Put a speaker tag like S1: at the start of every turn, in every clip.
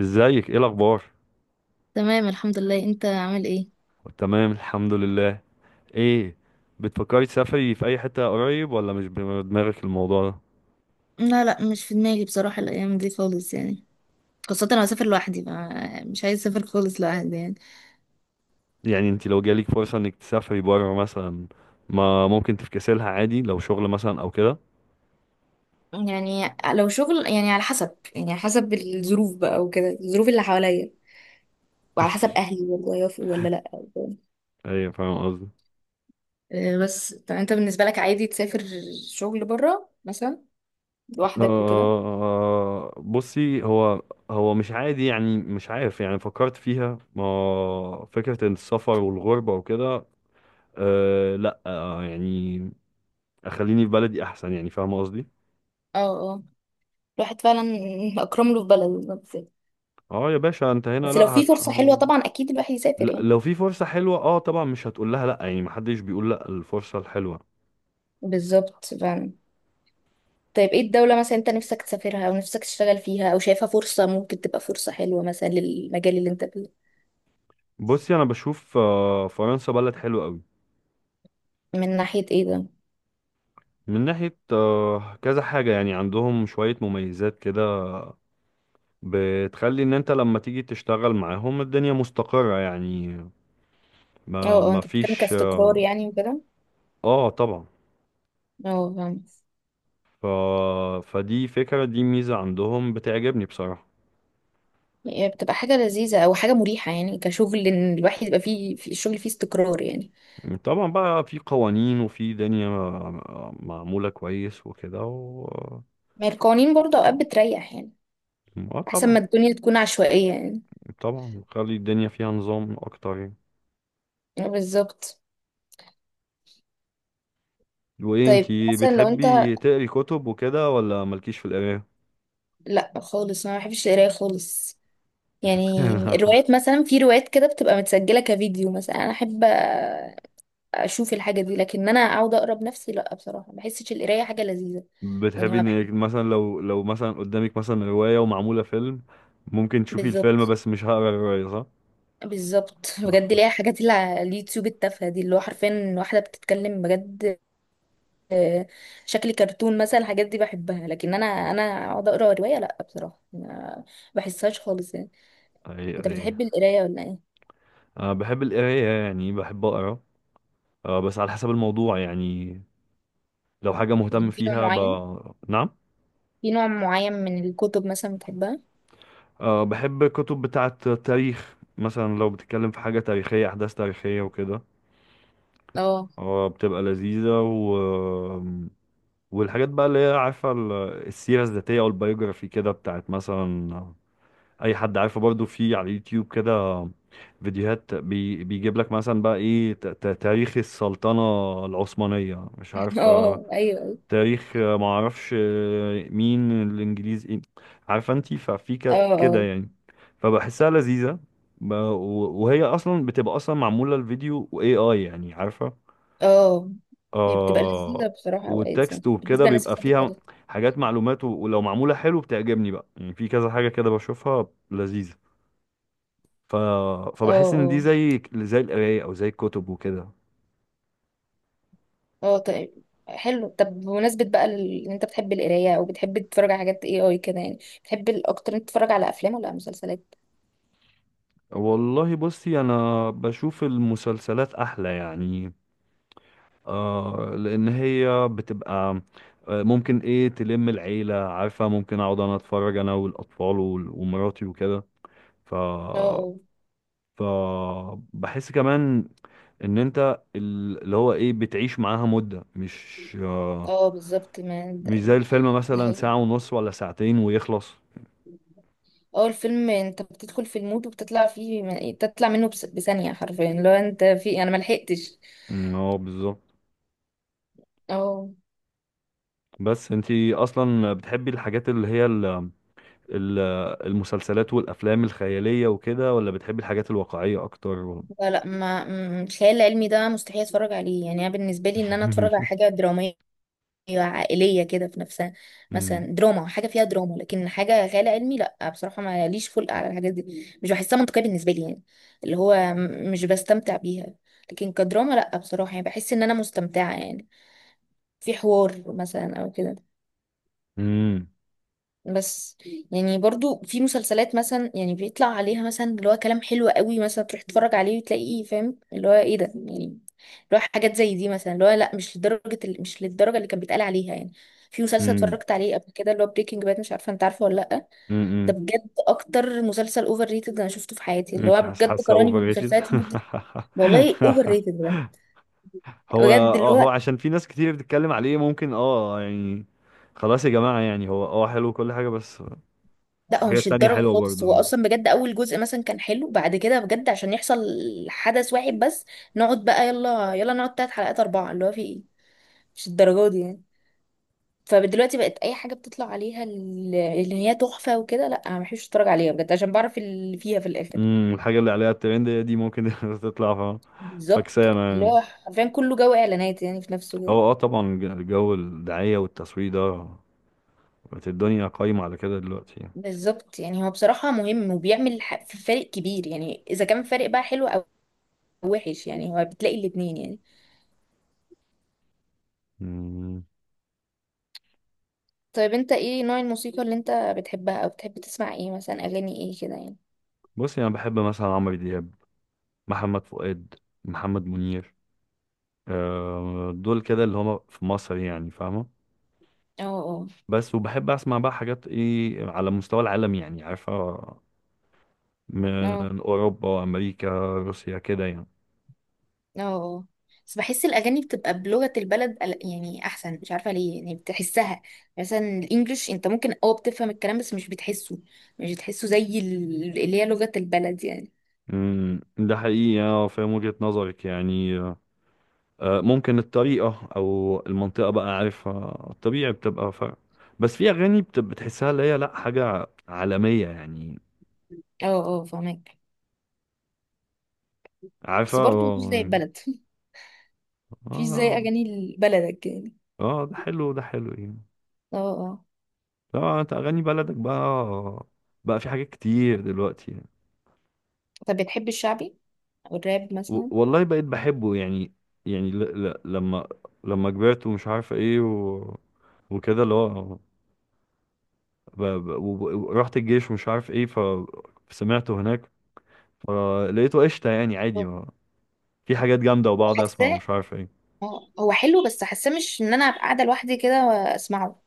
S1: ازيك، ايه الاخبار؟
S2: تمام، الحمد لله، انت عامل ايه؟
S1: تمام، الحمد لله. ايه؟ بتفكري تسافري في اي حتة قريب، ولا مش بدماغك الموضوع ده؟
S2: لا لا، مش في دماغي بصراحة الأيام دي خالص، يعني. خاصة أنا هسافر لوحدي، مش عايز أسافر خالص لوحدي، يعني.
S1: يعني انت لو جالك فرصة انك تسافري بره مثلا، ما ممكن تفكسلها عادي لو شغل مثلا او كده.
S2: يعني لو شغل، يعني على حسب الظروف بقى وكده، الظروف اللي حواليا وعلى حسب اهلي برضه هيوافقوا ولا لا، وكده.
S1: ايه، فاهم قصدي؟
S2: آه، بس طب انت بالنسبه لك عادي تسافر شغل بره مثلا لوحدك وكده؟
S1: آه، بصي، هو مش عادي يعني، مش عارف يعني، فكرت فيها ما فكرة إن السفر والغربة وكده، آه لا آه يعني اخليني في بلدي احسن يعني، فاهم قصدي.
S2: اه، اه، الواحد فعلا اكرم له في بلده، بس.
S1: اه يا باشا، انت هنا
S2: بس
S1: لا.
S2: لو في
S1: هت...
S2: فرصه حلوه
S1: آه.
S2: طبعا اكيد الواحد يسافر،
S1: لا،
S2: يعني.
S1: لو في فرصة حلوة اه طبعا، مش هتقول لها لا، يعني محدش بيقول لا الفرصة الحلوة.
S2: بالظبط، فعلا. طيب ايه الدولة مثلا انت نفسك تسافرها، او نفسك تشتغل فيها، او شايفها فرصة ممكن تبقى فرصة حلوة مثلا للمجال اللي انت فيه؟
S1: بصي انا بشوف، فرنسا بلد حلوة قوي.
S2: من ناحية ايه ده؟
S1: من ناحية كذا حاجة، يعني عندهم شوية مميزات كده، بتخلي ان انت لما تيجي تشتغل معاهم الدنيا مستقرة يعني.
S2: اه،
S1: ما
S2: اه،
S1: ما
S2: انت بتتكلم
S1: فيش
S2: كاستقرار،
S1: اه.
S2: يعني وكده.
S1: طبعا.
S2: اه، فاهم.
S1: ف... فدي فكرة، دي ميزة عندهم بتعجبني بصراحة.
S2: هي بتبقى حاجة لذيذة او حاجة مريحة، يعني كشغل ان الواحد يبقى فيه في الشغل فيه استقرار، يعني.
S1: طبعا، بقى في قوانين وفي دنيا معمولة كويس وكده
S2: ما هي القوانين برضه اوقات بتريح، يعني.
S1: اه
S2: احسن
S1: طبعا.
S2: ما الدنيا تكون عشوائية، يعني.
S1: طبعا خلي الدنيا فيها نظام اكتر يعني.
S2: اه، بالظبط.
S1: وايه،
S2: طيب
S1: انتي
S2: مثلا لو انت.
S1: بتحبي تقري كتب وكده، ولا مالكيش في القراية؟
S2: لا خالص، انا ما بحبش القراية خالص. يعني الروايات مثلا، في روايات كده بتبقى متسجلة كفيديو مثلا، انا احب اشوف الحاجه دي، لكن انا اقعد اقرا بنفسي لا بصراحه، ما بحسش القرايه حاجه لذيذه. يعني،
S1: بتحبي
S2: ما بحب.
S1: انك مثلا لو مثلا قدامك مثلا رواية ومعمولة فيلم، ممكن تشوفي الفيلم
S2: بالظبط.
S1: بس مش هقرا الرواية، صح؟
S2: بالظبط. بجد، ليها حاجات اللي على اليوتيوب التافهه دي، اللي هو حرفيا واحده بتتكلم، بجد. آه، شكل كرتون مثلا الحاجات دي بحبها، لكن انا اقعد اقرا روايه لا بصراحه، ما بحسهاش خالص، يعني.
S1: اي،
S2: انت
S1: اي.
S2: بتحب القرايه ولا ايه؟
S1: انا بحب القراية، يعني بحب اقرا. بس على حسب الموضوع يعني، لو حاجة مهتم
S2: يعني، في نوع
S1: فيها
S2: معين؟
S1: نعم.
S2: في نوع معين من الكتب مثلا بتحبها؟
S1: أه، بحب كتب بتاعة تاريخ، مثلا لو بتتكلم في حاجة تاريخية، أحداث تاريخية وكده.
S2: اه.
S1: أه، بتبقى لذيذة والحاجات بقى، اللي هي عارفة، السيرة الذاتية أو البيوجرافي كده، بتاعت مثلا أي حد عارفه، برضو في على اليوتيوب كده فيديوهات بيجيب لك مثلا بقى إيه، تاريخ السلطنة العثمانية، مش عارفة
S2: اه، ايوه، ايوه،
S1: تاريخ، ما اعرفش، مين الانجليز ايه، عارفه انت، ففي
S2: اه،
S1: كده
S2: آه.
S1: يعني. فبحسها لذيذه، وهي اصلا بتبقى اصلا معموله الفيديو واي اي، يعني عارفه.
S2: اه، هي بتبقى لذيذة
S1: آه.
S2: بصراحة أوقات،
S1: والتكست
S2: يعني
S1: وكده
S2: بالنسبة للناس
S1: بيبقى
S2: بتحب
S1: فيها
S2: التاريخ.
S1: حاجات، معلومات، ولو معموله حلو بتعجبني بقى، يعني في كذا حاجه كده بشوفها لذيذه. ف...
S2: اه،
S1: فبحس ان دي
S2: اه،
S1: زي القرايه، او زي الكتب وكده.
S2: اه، طيب حلو، طب بمناسبة بقى إن أنت بتحب القراية أو بتحب تتفرج على حاجات اي كده، يعني بتحب الأكتر أنت تتفرج على أفلام ولا على مسلسلات؟
S1: والله، بصي انا بشوف المسلسلات احلى يعني، لان هي بتبقى، ممكن ايه تلم العيله، عارفه، ممكن اقعد انا اتفرج انا والاطفال ومراتي وكده. ف
S2: اه، اه،
S1: ف بحس كمان ان انت، اللي هو ايه، بتعيش معاها مده، مش.
S2: اه، بالظبط. ما
S1: مش زي
S2: د-
S1: الفيلم
S2: دي
S1: مثلا
S2: حقيقة.
S1: ساعه ونص ولا ساعتين ويخلص.
S2: اه، الفيلم أنت بتدخل في المود وبتطلع فيه، تطلع منه، بثانية حرفيا، لو أنت في أنا ملحقتش.
S1: اه، بالظبط.
S2: اه.
S1: بس انتي اصلا بتحبي الحاجات اللي هي ال- المسلسلات والافلام الخياليه وكده، ولا بتحبي الحاجات الواقعيه اكتر؟
S2: لا لا، ما م- الخيال العلمي ده مستحيل اتفرج عليه، يعني انا بالنسبه لي ان انا اتفرج على حاجه دراميه عائلية كده في نفسها. مثلا
S1: امم.
S2: دراما، حاجة فيها دراما، لكن حاجة خيال علمي لا بصراحة، ما ليش خلق على الحاجات دي، مش بحسها منطقية بالنسبة لي، يعني. اللي هو مش بستمتع بيها. لكن كدراما لا بصراحة، يعني بحس ان انا مستمتعة، يعني. في حوار مثلا او كده.
S1: امم.
S2: بس. يعني برضو في مسلسلات مثلا، يعني بيطلع عليها مثلا اللي هو كلام حلو قوي مثلا، تروح تتفرج عليه وتلاقيه فاهم اللي هو ايه ده، يعني اللي هو حاجات زي دي مثلا، اللي هو لا مش لدرجة مش للدرجة اللي كان بيتقال عليها، يعني. في مسلسل
S1: امم.
S2: اتفرجت عليه قبل كده اللي هو بريكنج باد، مش عارفة انت عارفه ولا لا؟ ده
S1: امم.
S2: بجد اكتر مسلسل اوفر ريتد انا شفته في حياتي، اللي
S1: انت
S2: هو
S1: حاسه
S2: بجد
S1: حاسه
S2: قراني
S1: اوفر ريتد.
S2: بالمسلسلات لمدة. والله اوفر ريتد بجد.
S1: هو
S2: بجد، اللي
S1: اه،
S2: هو.
S1: عشان في ناس كتير بتتكلم عليه، ممكن اه يعني خلاص يا جماعه، يعني هو حلو كل حاجه بس.
S2: لا هو
S1: الحاجه
S2: مش
S1: التانيه
S2: الدرجة
S1: حلوه
S2: خالص،
S1: برضو.
S2: هو اصلا بجد اول جزء مثلا كان حلو، بعد كده بجد عشان يحصل حدث واحد بس. نقعد بقى يلا يلا، نقعد تلات حلقات اربعة، اللي هو في ايه؟ مش الدرجة دي، يعني. فدلوقتي بقت اي حاجة بتطلع عليها اللي هي تحفة وكده، لا انا مبحبش اتفرج عليها بجد، عشان بعرف اللي فيها في الاخر.
S1: امم، الحاجه اللي عليها الترند هي دي، ممكن تطلع
S2: بالظبط.
S1: فكسانه
S2: اللي
S1: يعني.
S2: هو حرفيا كله جو اعلانات، يعني في نفسه كده.
S1: هو طبعا، الجو الدعايه والتصوير ده، بقت الدنيا قايمه على كده دلوقتي يعني.
S2: بالظبط، يعني هو بصراحة مهم وبيعمل في فارق كبير، يعني اذا كان فارق بقى حلو او وحش، يعني هو بتلاقي الاتنين، يعني.
S1: امم.
S2: طيب انت ايه نوع الموسيقى اللي انت بتحبها، او بتحب تسمع ايه مثلا، اغاني ايه كده، يعني؟
S1: بصي، انا بحب مثلا عمرو دياب، محمد فؤاد، محمد منير. دول كده اللي هما في مصر يعني، فاهمة.
S2: اه، اه،
S1: بس وبحب أسمع بقى حاجات إيه على مستوى العالم، يعني عارفة، من
S2: اه،
S1: أوروبا، أمريكا، روسيا كده يعني.
S2: اه، آه. بس بحس الأغاني بتبقى بلغة البلد يعني أحسن، مش عارفة ليه، يعني بتحسها. مثلا الإنجليش أنت ممكن بتفهم الكلام بس مش بتحسه. مش بتحسه زي اللي هي لغة البلد، يعني.
S1: ده حقيقي، أه فاهم وجهة نظرك يعني. ممكن الطريقة أو المنطقة بقى، عارفة، الطبيعي بتبقى فرق. بس في أغاني بتحسها اللي هي لأ حاجة عالمية يعني،
S2: اه، اه، فهمك.
S1: عارفة
S2: بس برضه مفيش زي
S1: اه.
S2: البلد. مفيش زي
S1: آه،
S2: أغاني بلدك، يعني.
S1: ده حلو، ده حلو يعني.
S2: اه، اه،
S1: طبعا انت اغاني بلدك بقى، بقى في حاجات كتير دلوقتي يعني.
S2: طب بتحب الشعبي أو الراب مثلا؟
S1: والله، بقيت بحبه يعني. يعني ل... ل... لما لما كبرت ومش عارف ايه وكده اللي هو ورحت الجيش ومش عارف ايه، سمعته هناك. فلقيته قشطة، يعني عادي ما... في حاجات جامدة وبقعد اسمع،
S2: أوه.
S1: ومش عارف ايه.
S2: اه، هو حلو بس حاسه مش ان انا ابقى قاعده لوحدي كده واسمعه.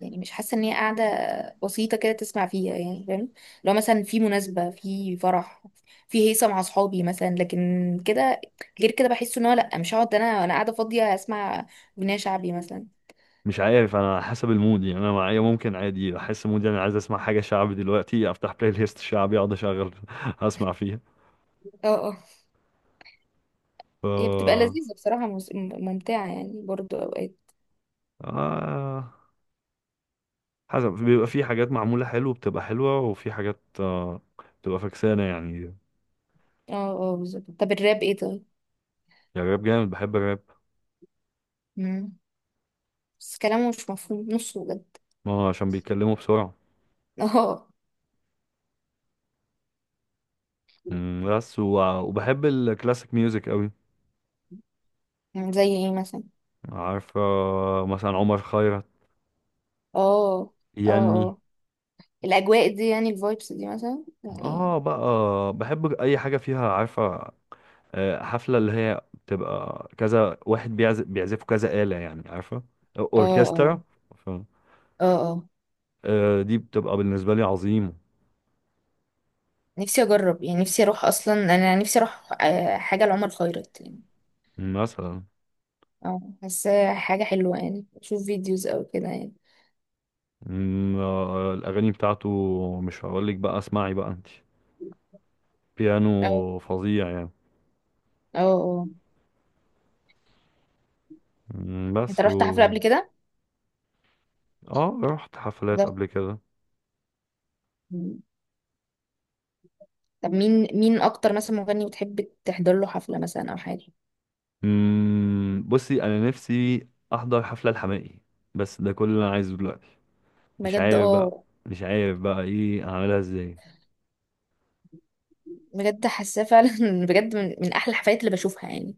S2: يعني مش حاسه ان هي قاعده بسيطه كده تسمع فيها، يعني فاهم. لو مثلا في مناسبه، في فرح، في هيصه مع اصحابي مثلا، لكن كده. غير كده بحس ان هو لا، مش هقعد انا قاعده فاضيه اسمع اغنيه شعبي مثلا.
S1: مش عارف، انا على حسب المود يعني، انا معايا ممكن عادي احس مودي انا عايز اسمع حاجة شعبي دلوقتي، افتح بلاي ليست شعبي، اقعد اشغل اسمع فيها.
S2: اه، اه، هي بتبقى
S1: ف
S2: لذيذه بصراحه ممتعه، يعني برضو اوقات.
S1: آه... حسب، بيبقى في حاجات معمولة حلو بتبقى حلوة، وفي حاجات بتبقى فكسانة، يعني.
S2: اه، اه، بالظبط. طب الراب ايه طيب؟
S1: الراب جامد، بحب الراب.
S2: مم. بس كلامه مش مفهوم نصه بجد.
S1: ما هو عشان بيتكلموا بسرعة.
S2: اه،
S1: بس وبحب الكلاسيك ميوزك قوي.
S2: زي ايه مثلا؟
S1: عارف، مثلا عمر خيرت.
S2: اه،
S1: يني
S2: اه، الاجواء دي يعني الفايبس دي مثلا، يعني.
S1: اه بقى، بحب اي حاجة فيها، عارفة، حفلة اللي هي بتبقى كذا واحد بيعزف، كذا آلة يعني، عارفة،
S2: اه، اه،
S1: اوركسترا. ف-
S2: اه، اه،
S1: دي بتبقى بالنسبة لي عظيمة
S2: نفسي اجرب، يعني نفسي اروح، اصلا انا نفسي اروح حاجه لعمر خيرت، يعني.
S1: مثلا.
S2: اه حاسه حاجه حلوه، يعني اشوف فيديوز او كده، يعني.
S1: الأغاني بتاعته، مش هقولك بقى اسمعي بقى انت،
S2: اه،
S1: بيانو فظيع يعني.
S2: اه، اه، انت
S1: بس
S2: رحت حفله قبل كده؟
S1: اه، رحت حفلات
S2: حضرت؟
S1: قبل كده.
S2: مم. طب مين اكتر مثلا مغني بتحب تحضر له حفله مثلا او حاجه؟
S1: بصي أنا نفسي أحضر حفلة الحماقي، بس ده كل اللي أنا عايزه دلوقتي. مش
S2: بجد
S1: عارف بقى،
S2: اه،
S1: إيه أعملها إزاي.
S2: بجد حاساه فعلا. بجد من احلى الحفلات اللي بشوفها، يعني.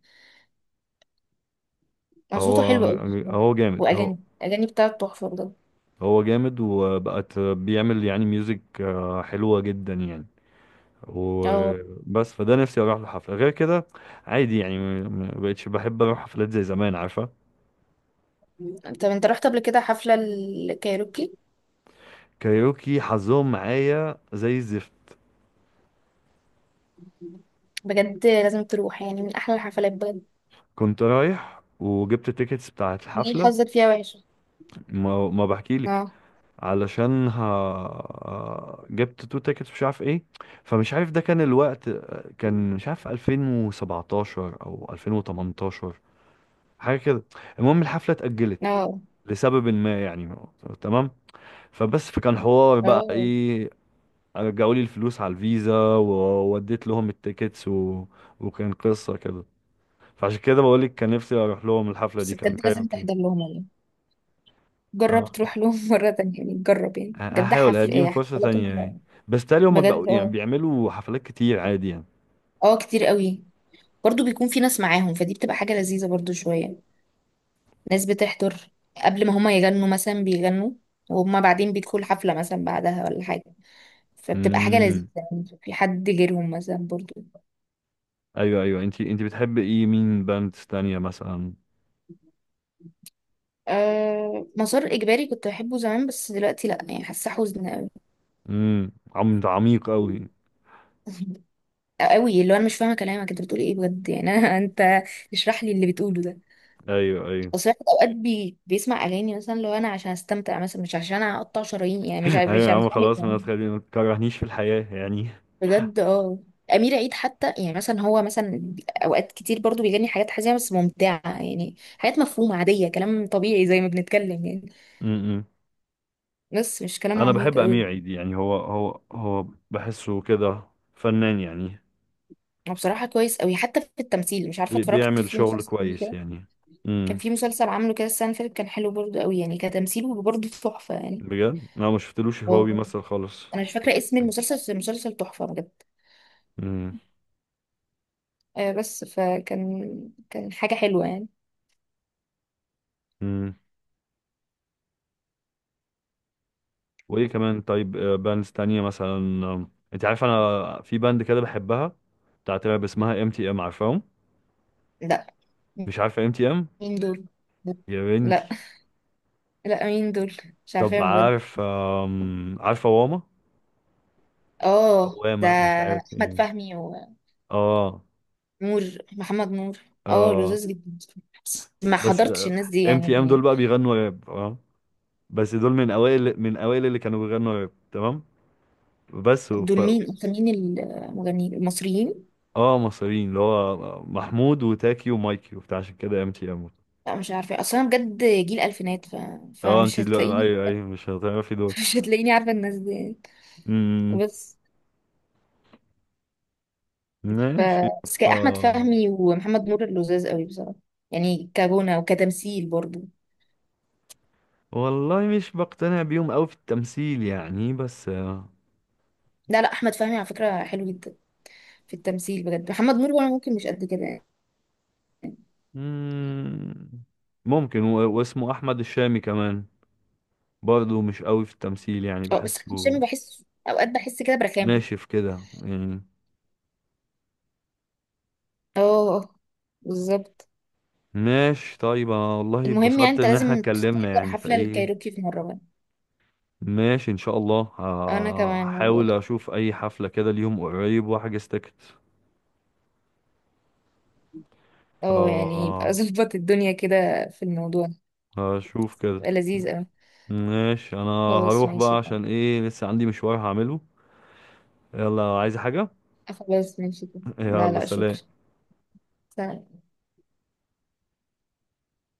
S1: هو
S2: صوته حلو قوي بصراحة.
S1: هو جامد. هو
S2: واغاني بتاعته تحفه بجد.
S1: هو جامد وبقت بيعمل يعني ميوزك حلوة جدا يعني.
S2: اه،
S1: وبس، فده نفسي اروح لحفله غير كده عادي يعني، مبقتش بحب اروح حفلات زي زمان، عارفه.
S2: طب انت رحت قبل كده حفلة الكايروكي؟
S1: كايروكي حظهم معايا زي الزفت.
S2: بجد لازم تروح، يعني من احلى الحفلات بجد.
S1: كنت رايح وجبت التيكتس بتاعت
S2: ليه
S1: الحفله،
S2: حظك فيها وحش؟
S1: ما بحكيلك.
S2: اه،
S1: علشان ها جبت تو تيكتس، مش عارف ايه. فمش عارف ده كان الوقت، كان مش عارف 2017 او 2018 حاجه كده. المهم الحفله اتأجلت
S2: اه،
S1: لسبب ما يعني، تمام. فبس، فكان حوار بقى
S2: اه.
S1: ايه، رجعوا لي الفلوس على الفيزا، ووديت لهم التيكتس وكان قصة كده. فعشان كده بقول لك، كان نفسي اروح لهم الحفلة
S2: بس
S1: دي، كان
S2: بجد لازم
S1: كايروكي.
S2: تحضر لهم والله. جرب
S1: اه،
S2: تروح لهم مرة تانية، يعني جرب، يعني بجد
S1: هحاول
S2: حفل
S1: اديهم
S2: ايه
S1: فرصة
S2: حفلاتهم
S1: تانية يعني.
S2: حلوة.
S1: بس تالي هما بقوا
S2: بجد،
S1: يعني
S2: اه.
S1: بيعملوا حفلات كتير، عادي يعني.
S2: اه، كتير قوي. برضو بيكون في ناس معاهم، فدي بتبقى حاجة لذيذة برضو، شوية ناس بتحضر قبل ما هما يغنوا مثلا، بيغنوا وهما بعدين بيدخلوا حفلة مثلا بعدها ولا حاجة. فبتبقى حاجة لذيذة،
S1: امم.
S2: يعني في حد غيرهم مثلا برضو.
S1: ايوه، ايوه، انت بتحب ايه، مين باندز تانية مثلا؟
S2: أه، مسار إجباري كنت بحبه زمان، بس دلوقتي لأ، يعني حاسة حزن أوي.
S1: امم، ده عميق قوي.
S2: أوي، اللي هو أنا مش فاهمة كلامك، أنت بتقول إيه بجد يعني، أنا أنت. اشرح لي اللي بتقوله ده.
S1: ايوه، ايوه.
S2: بس الواحد أوقات بيسمع أغاني مثلا، لو أنا عشان أستمتع مثلا، مش عشان أقطع شرايين يعني،
S1: ايوه يا
S2: مش
S1: عم
S2: عامل
S1: خلاص، ما
S2: ده.
S1: تخليني، ما تكرهنيش في الحياة يعني.
S2: بجد، اه. أمير عيد حتى، يعني مثلا هو مثلا أوقات كتير برضو بيغني حاجات حزينة بس ممتعة، يعني حاجات مفهومة عادية كلام طبيعي زي ما بنتكلم، يعني.
S1: امم.
S2: بس مش كلام
S1: انا
S2: عميق
S1: بحب
S2: قوي.
S1: امير عيد يعني، هو بحسه كده فنان يعني.
S2: هو بصراحة كويس قوي حتى في التمثيل، مش عارفة اتفرجت
S1: بيعمل
S2: في
S1: شغل
S2: مسلسل ليه
S1: كويس
S2: كده.
S1: يعني.
S2: كان
S1: امم.
S2: في مسلسل عامله كده السنة اللي فاتت كان حلو برضه قوي، يعني كتمثيله برضه تحفة، يعني.
S1: بجد انا ما شفتلوش
S2: و
S1: هو بيمثل خالص،
S2: انا مش فاكرة
S1: شفتش
S2: اسم
S1: حاجه.
S2: المسلسل، بس المسلسل تحفة بجد.
S1: امم.
S2: آه، بس فكان حاجة حلوة، يعني.
S1: امم. وايه كمان، طيب باندز تانية مثلا، انت عارف انا في باند كده بحبها، بتاعت راب، اسمها ام تي ام، عارفاهم؟
S2: لا،
S1: مش عارفه ام تي ام،
S2: مين دول؟
S1: يا
S2: لا
S1: بنتي؟
S2: لا، مين دول؟ مش
S1: طب
S2: عارفاهم بجد.
S1: عارف، عارفه واما،
S2: اه، ده.
S1: واما مش عارف
S2: احمد
S1: ايه.
S2: فهمي ونور.
S1: اه،
S2: محمد نور. اه،
S1: اه.
S2: لذيذ جدا. بس ما
S1: بس
S2: حضرتش الناس دي،
S1: ام تي ام دول
S2: يعني.
S1: بقى بيغنوا راب اه، بس دول من اوائل اللي كانوا بيغنوا راب، تمام. بس
S2: دول مين اكتر، مين المغنيين المصريين؟
S1: اه، مصريين، اللي هو محمود وتاكي ومايكي وبتاع، عشان كده ام تي ام.
S2: لا مش عارفه اصلا، انا بجد جيل الفينات،
S1: اه انت
S2: فمش
S1: دلوقتي،
S2: هتلاقيني.
S1: ايوه، ايوه مش هتعرفي دول.
S2: مش هتلاقيني عارفه الناس دي.
S1: امم.
S2: بس ف
S1: ماشي.
S2: بس
S1: ف
S2: كان احمد فهمي ومحمد نور اللزاز قوي بصراحه. يعني كغنى وكتمثيل برضو.
S1: والله، مش بقتنع بيهم قوي في التمثيل يعني بس.
S2: لا لا، احمد فهمي على فكره حلو جدا في التمثيل بجد، محمد نور وانا ممكن مش قد كده، يعني.
S1: امم. ممكن واسمه احمد الشامي كمان، برضه مش قوي في التمثيل يعني،
S2: اه، بس احمد
S1: بحسه
S2: شامي بحس اوقات بحس كده برخامه.
S1: ناشف كده يعني.
S2: اه. آه، بالظبط.
S1: ماشي طيب، انا والله
S2: المهم يعني،
S1: اتبسطت
S2: انت
S1: ان احنا
S2: لازم
S1: اتكلمنا
S2: تحضر
S1: يعني،
S2: حفله
S1: فايه.
S2: الكايروكي في مره بقى.
S1: ماشي ان شاء الله،
S2: انا كمان والله.
S1: هحاول اشوف اي حفلة كده اليوم قريب واحجز تيكت. ف
S2: اه، يعني يبقى ظبط الدنيا كده في الموضوع.
S1: هشوف كده.
S2: يبقى لذيذ اوي.
S1: ماشي، انا
S2: خلاص
S1: هروح
S2: ماشي
S1: بقى،
S2: طب.
S1: عشان ايه لسه عندي مشوار هعمله. يلا، عايز حاجة؟
S2: خلاص ماشي طب، لا
S1: يلا،
S2: لا شكرا.
S1: سلام.
S2: سلام.